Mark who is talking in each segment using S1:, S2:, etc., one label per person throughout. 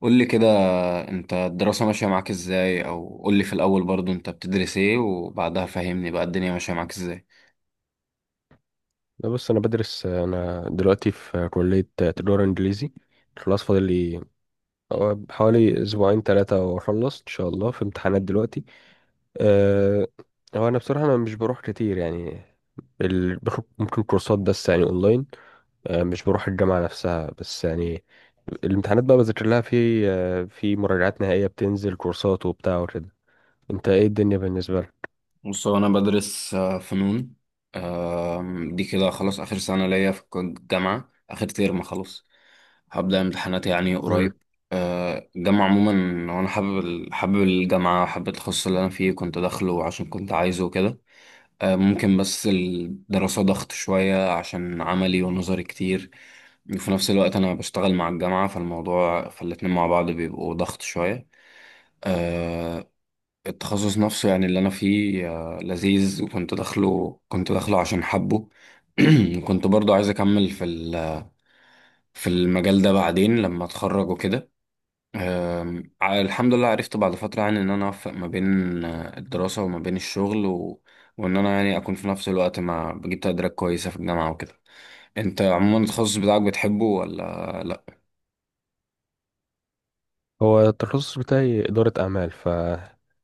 S1: قول لي كده، انت الدراسة ماشية معاك ازاي؟ او قول لي في الاول برضو انت بتدرس ايه، وبعدها فهمني بقى الدنيا ماشية معاك ازاي؟
S2: لا، بص، انا بدرس. انا دلوقتي في كلية تجارة انجليزي. خلاص، فاضل لي حوالي اسبوعين ثلاثة واخلص ان شاء الله. في امتحانات دلوقتي. أه هو انا بصراحة، مش بروح كتير يعني. باخد ممكن كورسات بس يعني اونلاين. مش بروح الجامعة نفسها بس يعني. الامتحانات بقى بذاكر لها في مراجعات نهائية، بتنزل كورسات وبتاع وكده. انت ايه الدنيا بالنسبة لك؟
S1: بص، هو انا بدرس فنون. دي كده خلاص اخر سنة ليا في الجامعة، اخر ترم خلاص. هبدأ امتحانات يعني
S2: مم.
S1: قريب. الجامعة عموما، وانا حابب الجامعة، حابب التخصص اللي انا فيه، كنت داخله عشان كنت عايزه وكده. ممكن بس الدراسة ضغط شوية عشان عملي ونظري كتير. وفي نفس الوقت أنا بشتغل مع الجامعة، فالموضوع فالاتنين مع بعض بيبقوا ضغط شوية. آه، التخصص نفسه يعني اللي أنا فيه لذيذ، وكنت داخله كنت داخله عشان حبه. وكنت برضو عايز أكمل في المجال ده بعدين لما أتخرج وكده. الحمد لله، عرفت بعد فترة يعني إن أنا أوفق ما بين الدراسة وما بين الشغل وإن أنا يعني أكون في نفس الوقت مع بجيب تقديرات كويسة في الجامعة وكده. أنت عموما التخصص بتاعك بتحبه ولا لأ؟
S2: هو التخصص بتاعي إدارة أعمال. ف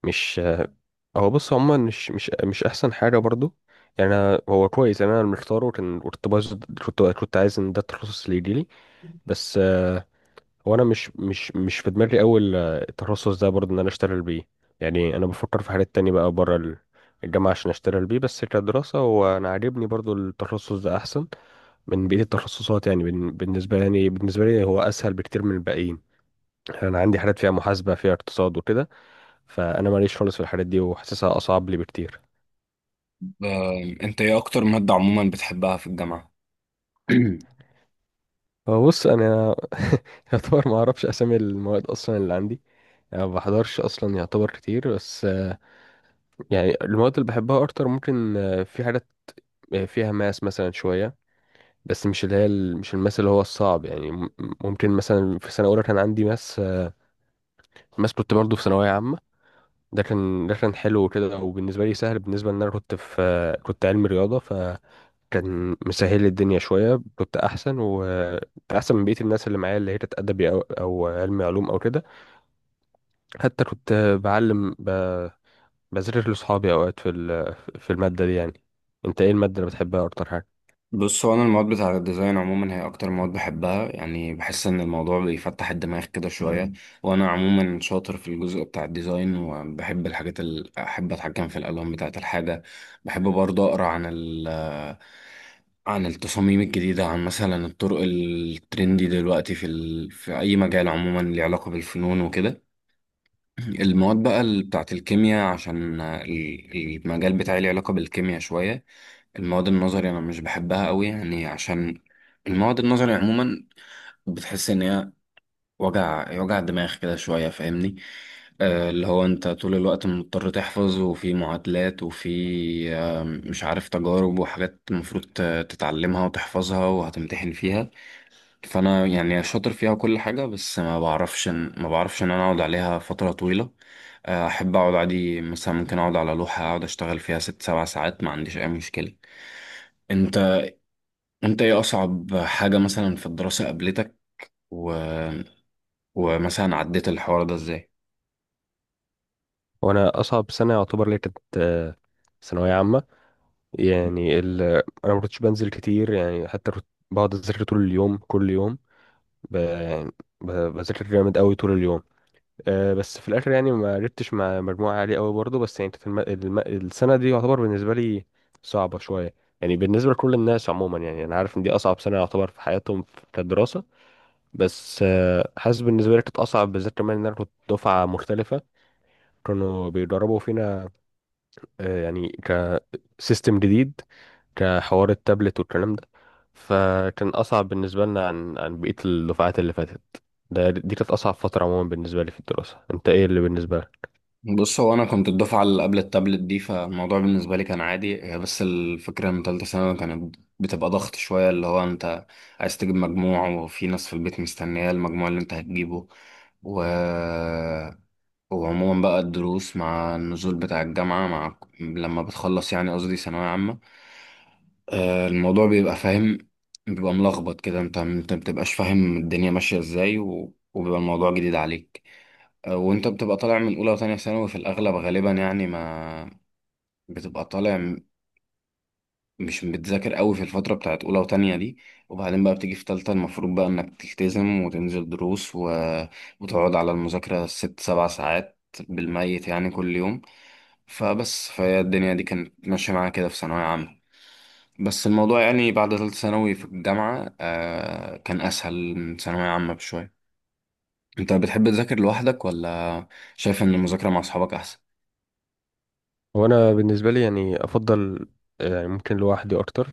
S2: مش هو بص، هما مش احسن حاجه برضو. يعني أنا هو كويس. يعني انا اللي مختاره كان، كنت عايز ان ده التخصص اللي يجيلي. بس هو انا مش في دماغي اول، التخصص ده برضو ان انا اشتغل بيه. يعني انا بفكر في حاجات تانية بقى بره الجامعه عشان اشتغل بيه. بس كدراسه هو انا عاجبني برضو التخصص ده، احسن من بقيه التخصصات. يعني بالنسبه لي هو اسهل بكتير من الباقيين. يعني انا عندي حاجات فيها محاسبه، فيها اقتصاد وكده. فانا ماليش خالص في الحاجات دي وحاسسها اصعب لي بكتير.
S1: أنت إيه أكتر مادة عموما بتحبها في الجامعة؟
S2: هو بص، انا يعتبر ما اعرفش اسامي المواد اصلا اللي عندي. يعني ما بحضرش اصلا يعتبر كتير. بس يعني المواد اللي بحبها اكتر ممكن في حاجات فيها ماس مثلا شويه. بس مش اللي هي مش الماس اللي هو الصعب. يعني ممكن مثلا في سنه اولى كان عندي ماس. ماس كنت برضه في ثانويه عامه. ده كان حلو كده. وبالنسبه لي سهل، بالنسبه ان انا كنت في آه، كنت علمي رياضه، فكان مسهل لي الدنيا شويه. كنت احسن واحسن من بقيه الناس اللي معايا، اللي هي كانت ادبي او علمي علوم او كده. حتى كنت بعلم ب... بذاكر لصحابي اوقات في الماده دي يعني. انت ايه الماده اللي بتحبها اكتر حاجه؟
S1: بص، هو انا المواد بتاع الديزاين عموما هي اكتر مواد بحبها، يعني بحس ان الموضوع بيفتح الدماغ كده شويه. مم. وانا عموما شاطر في الجزء بتاع الديزاين، وبحب الحاجات اللي احب اتحكم في الالوان بتاعه الحاجه. بحب برضه اقرا عن التصاميم الجديده، عن مثلا الطرق الترندي دلوقتي في اي مجال عموما ليه علاقه بالفنون وكده. المواد بقى بتاعة الكيمياء عشان المجال بتاعي ليه علاقة بالكيمياء شوية. المواد النظري أنا مش بحبها قوي يعني عشان المواد النظري عموما بتحس إن هي وجع دماغ كده شوية، فاهمني؟ اللي هو أنت طول الوقت مضطر تحفظ، وفي معادلات وفي مش عارف تجارب وحاجات المفروض تتعلمها وتحفظها وهتمتحن فيها. فانا يعني شاطر فيها كل حاجه، بس ما بعرفش ان انا اقعد عليها فتره طويله. احب اقعد عادي، مثلا ممكن اقعد على لوحه اقعد اشتغل فيها 6-7 ساعات ما عنديش اي مشكله. انت انت ايه اصعب حاجه مثلا في الدراسه قابلتك، و... ومثلا عديت الحوار ده ازاي؟
S2: وانا اصعب سنه يعتبر لي كانت ثانويه عامه. يعني انا ما كنتش بنزل كتير، يعني حتى كنت بقعد اذاكر طول اليوم كل يوم. يعني بذاكر جامد قوي طول اليوم. بس في الاخر يعني ما عرفتش مع مجموعه عاليه قوي برضه. بس يعني كانت السنه دي يعتبر بالنسبه لي صعبه شويه. يعني بالنسبه لكل الناس عموما، يعني انا عارف ان دي اصعب سنه يعتبر في حياتهم كدراسه. بس حاسس بالنسبة لي كانت أصعب بالذات، كمان إن أنا كنت دفعة مختلفة. كانوا بيدربوا فينا يعني كسيستم جديد، كحوار التابلت والكلام ده. فكان أصعب بالنسبة لنا عن بقية الدفعات اللي فاتت. دي كانت أصعب فترة عموما بالنسبة لي في الدراسة. أنت إيه اللي بالنسبة لك؟
S1: بص، هو انا كنت الدفعه اللي قبل التابلت دي، فالموضوع بالنسبه لي كان عادي. هي بس الفكره ان ثالثه ثانوي كانت بتبقى ضغط شويه، اللي هو انت عايز تجيب مجموع وفي ناس في البيت مستنيه المجموع اللي انت هتجيبه، و... وعموما بقى الدروس مع النزول بتاع الجامعه مع لما بتخلص يعني قصدي ثانويه عامه، الموضوع بيبقى فاهم بيبقى ملخبط كده، انت ما بتبقاش فاهم الدنيا ماشيه ازاي، وبيبقى الموضوع جديد عليك. وانت بتبقى طالع من اولى وتانية ثانوي في الاغلب غالبا، يعني ما بتبقى طالع م- مش بتذاكر قوي في الفترة بتاعت اولى وتانية دي. وبعدين بقى بتيجي في تالتة، المفروض بقى انك تلتزم وتنزل دروس وتقعد على المذاكرة 6-7 ساعات بالميت يعني كل يوم. فبس، فهي الدنيا دي كانت ماشية معايا كده في ثانوية عامة. بس الموضوع يعني بعد تالتة ثانوي في الجامعة كان أسهل من ثانوية عامة بشوية. أنت بتحب تذاكر لوحدك، ولا شايف إن المذاكرة مع أصحابك أحسن؟
S2: وأنا بالنسبة لي يعني أفضل، يعني ممكن لوحدي أكتر.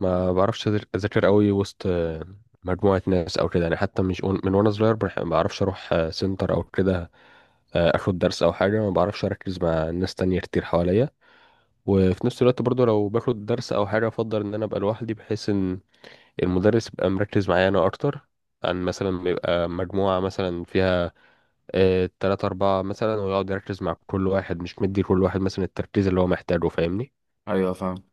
S2: ما بعرفش أذاكر قوي وسط مجموعة ناس أو كده. يعني حتى مش من وأنا صغير، ما بعرفش أروح سنتر أو كده. اخد درس او حاجه، ما بعرفش اركز مع ناس تانية كتير حواليا. وفي نفس الوقت برضو لو باخد درس او حاجه، افضل ان انا ابقى لوحدي بحيث ان المدرس يبقى مركز معايا انا اكتر. عن مثلا ما يبقى مجموعه مثلا فيها تلاتة أربعة مثلا، ويقعد يركز مع كل واحد مش مدي كل واحد مثلا التركيز اللي هو محتاجه، فاهمني؟
S1: أيوة، فاهم.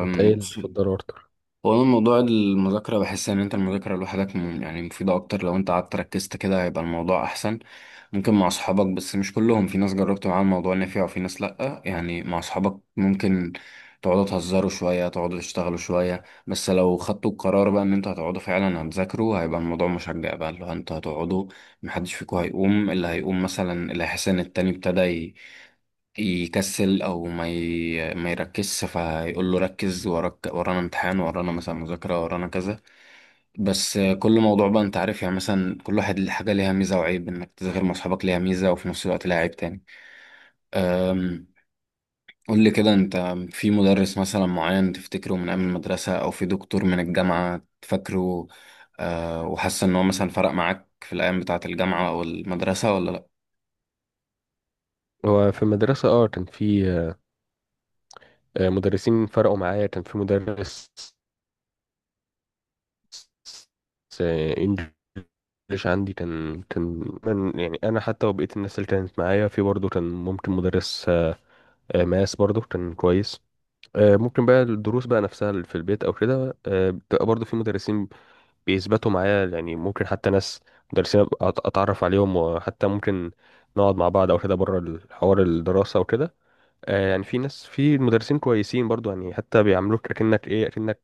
S2: انت ايه اللي
S1: بص،
S2: بتفضله اكتر؟
S1: هو أنا موضوع المذاكرة بحس إن أنت المذاكرة لوحدك يعني مفيدة أكتر، لو أنت قعدت ركزت كده هيبقى الموضوع أحسن. ممكن مع أصحابك، بس مش كلهم، في ناس جربت معاهم الموضوع نفع وفي ناس لأ. يعني مع أصحابك ممكن تقعدوا تهزروا شوية تقعدوا تشتغلوا شوية، بس لو خدتوا القرار بقى إن أنتوا هتقعدوا فعلا هتذاكروا هيبقى الموضوع مشجع، بقى اللي هو أنتوا هتقعدوا، محدش فيكم هيقوم. اللي هيقوم مثلا اللي هيحس إن التاني ابتدى يكسل او ما يركزش فيقول له ركز، وراك ورانا امتحان، ورانا مثلا مذاكرة، ورانا كذا. بس كل موضوع بقى انت عارف، يعني مثلا كل واحد ليه حاجة ليها ميزة وعيب، انك تذاكر مع اصحابك ليها ميزة وفي نفس الوقت ليها عيب تاني. أم، قول لي كده، انت في مدرس مثلا معين تفتكره من ايام المدرسة او في دكتور من الجامعة تفكره؟ وحاسس ان هو مثلا فرق معاك في الايام بتاعة الجامعة او المدرسة، ولا لا؟
S2: هو في المدرسة كان في مدرسين فرقوا معايا. كان في مدرس بس انجلش عندي كان من، يعني انا حتى وبقيت الناس اللي كانت معايا في، برضه كان ممكن مدرس ماس برضه كان كويس. ممكن بقى الدروس بقى نفسها اللي في البيت او كده، بتبقى برضه في مدرسين بيثبتوا معايا. يعني ممكن حتى ناس مدرسين أبقى اتعرف عليهم، وحتى ممكن نقعد مع بعض او كده بره الحوار، الدراسه وكده. يعني في ناس في مدرسين كويسين برضه، يعني حتى بيعاملوك اكنك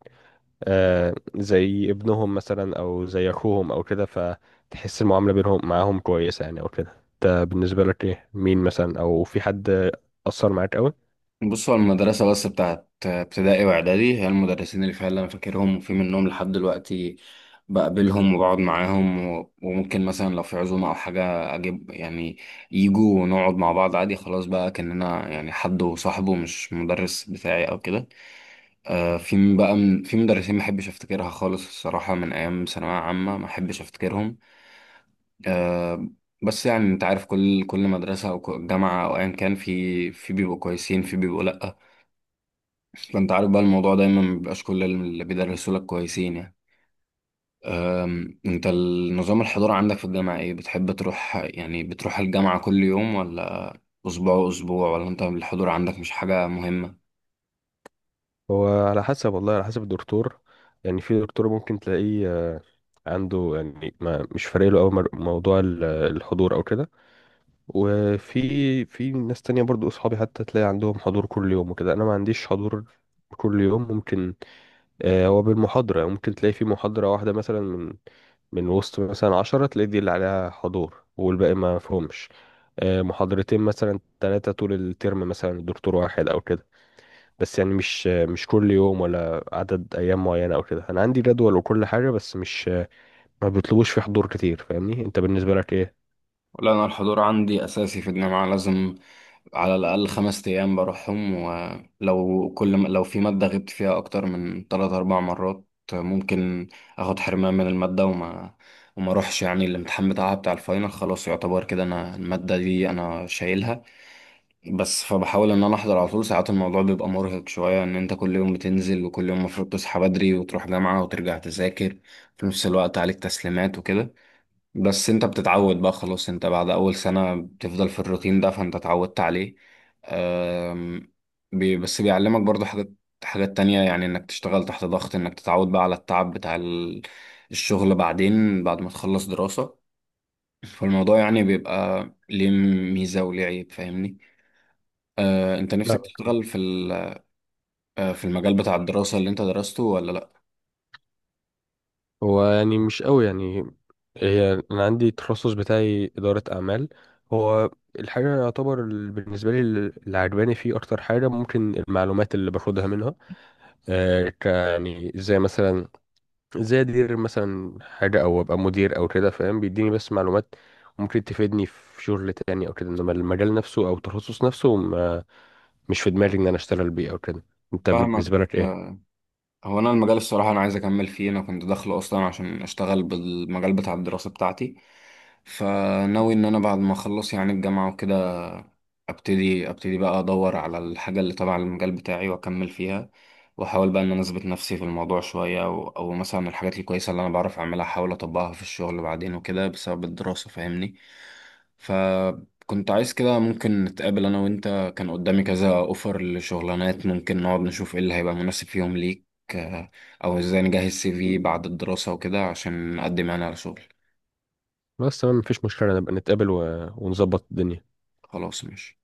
S2: زي ابنهم مثلا او زي اخوهم او كده، فتحس المعامله بينهم معاهم كويسه يعني او كده. انت بالنسبه لك ايه؟ مين مثلا؟ او في حد اثر معاك قوي؟
S1: بصوا، المدرسة بس بتاعت ابتدائي وإعدادي هي المدرسين اللي فعلا أنا فاكرهم، وفي منهم لحد دلوقتي بقابلهم وبقعد معاهم، وممكن مثلا لو في عزومة أو حاجة أجيب، يعني يجوا ونقعد مع بعض عادي، خلاص بقى كأننا يعني حد وصاحبه، مش مدرس بتاعي أو كده. في بقى من في مدرسين ما أحبش أفتكرها خالص الصراحة من أيام ثانوية عامة، ما أحبش أفتكرهم. آه، بس يعني أنت عارف، كل مدرسة أو جامعة أو أيا كان، في بيبقوا كويسين في بيبقوا لأ. اصل انت عارف بقى الموضوع دايما مبيبقاش كل اللي بيدرسوا لك كويسين يعني. انت النظام الحضور عندك في الجامعة ايه؟ بتحب تروح، يعني بتروح الجامعة كل يوم، ولا اسبوع اسبوع، ولا انت الحضور عندك مش حاجة مهمة؟
S2: هو على حسب، والله على حسب الدكتور. يعني في دكتور ممكن تلاقيه عنده يعني، ما مش فارق له قوي موضوع الحضور او كده. وفي ناس تانية برضو اصحابي حتى تلاقي عندهم حضور كل يوم وكده. انا ما عنديش حضور كل يوم. ممكن، هو بالمحاضرة، ممكن تلاقي في محاضرة واحدة مثلا من وسط مثلا 10، تلاقي دي اللي عليها حضور والباقي ما فهمش. محاضرتين مثلا ثلاثة طول الترم مثلا، دكتور واحد أو كده. بس يعني مش كل يوم ولا عدد أيام معينة أو كده. أنا عندي جدول وكل حاجة، بس مش ما بيطلبوش في حضور كتير، فاهمني؟ أنت بالنسبة لك إيه؟
S1: لا، أنا الحضور عندي أساسي في الجامعة، لازم على الأقل 5 أيام بروحهم، ولو لو في مادة غبت فيها أكتر من 3-4 مرات ممكن أخد حرمان من المادة، وما أروحش يعني الامتحان بتاعها بتاع الفاينل، خلاص يعتبر كده أنا المادة دي أنا شايلها. بس فبحاول ان انا احضر على طول، ساعات الموضوع بيبقى مرهق شوية ان انت كل يوم بتنزل وكل يوم المفروض تصحى بدري وتروح جامعة وترجع تذاكر، في نفس الوقت عليك تسليمات وكده. بس انت بتتعود بقى خلاص، انت بعد اول سنة بتفضل في الروتين ده فانت اتعودت عليه. أم، بي بس بيعلمك برضو حاجات تانية، يعني انك تشتغل تحت ضغط، انك تتعود بقى على التعب بتاع الشغل بعدين بعد ما تخلص دراسة. فالموضوع يعني بيبقى ليه ميزة وليه عيب، فاهمني. انت
S2: لا،
S1: نفسك
S2: أوكي.
S1: تشتغل في ال- أه، في المجال بتاع الدراسة اللي انت درسته، ولا لا؟
S2: هو يعني مش قوي يعني. هي انا عندي التخصص بتاعي اداره اعمال. هو الحاجه يعتبر بالنسبه لي اللي عجباني فيه اكتر حاجه ممكن المعلومات اللي باخدها منها. يعني زي ادير مثلا حاجة او ابقى مدير او كده، فاهم، بيديني بس معلومات ممكن تفيدني في شغل تاني او كده. انما المجال نفسه او التخصص نفسه، ما مش في دماغي ان انا اشتغل بيه او كده. انت
S1: فاهمك.
S2: بالنسبة لك ايه؟
S1: هو انا المجال الصراحه انا عايز اكمل فيه، انا كنت داخله اصلا عشان اشتغل بالمجال بتاع الدراسه بتاعتي. فناوي ان انا بعد ما اخلص يعني الجامعه وكده ابتدي بقى ادور على الحاجه اللي تبع المجال بتاعي واكمل فيها. واحاول بقى ان انا اثبت نفسي في الموضوع شويه، أو مثلا الحاجات الكويسه اللي انا بعرف اعملها احاول اطبقها في الشغل بعدين وكده بسبب الدراسه، فاهمني. فكنت عايز كده ممكن نتقابل انا وانت، كان قدامي كذا اوفر لشغلانات، ممكن نقعد نشوف ايه اللي هيبقى مناسب فيهم ليك. آه، او ازاي نجهز CV بعد الدراسه وكده عشان نقدم انا على شغل.
S2: بس تمام، مفيش مشكلة نبقى نتقابل ونظبط الدنيا.
S1: خلاص، ماشي.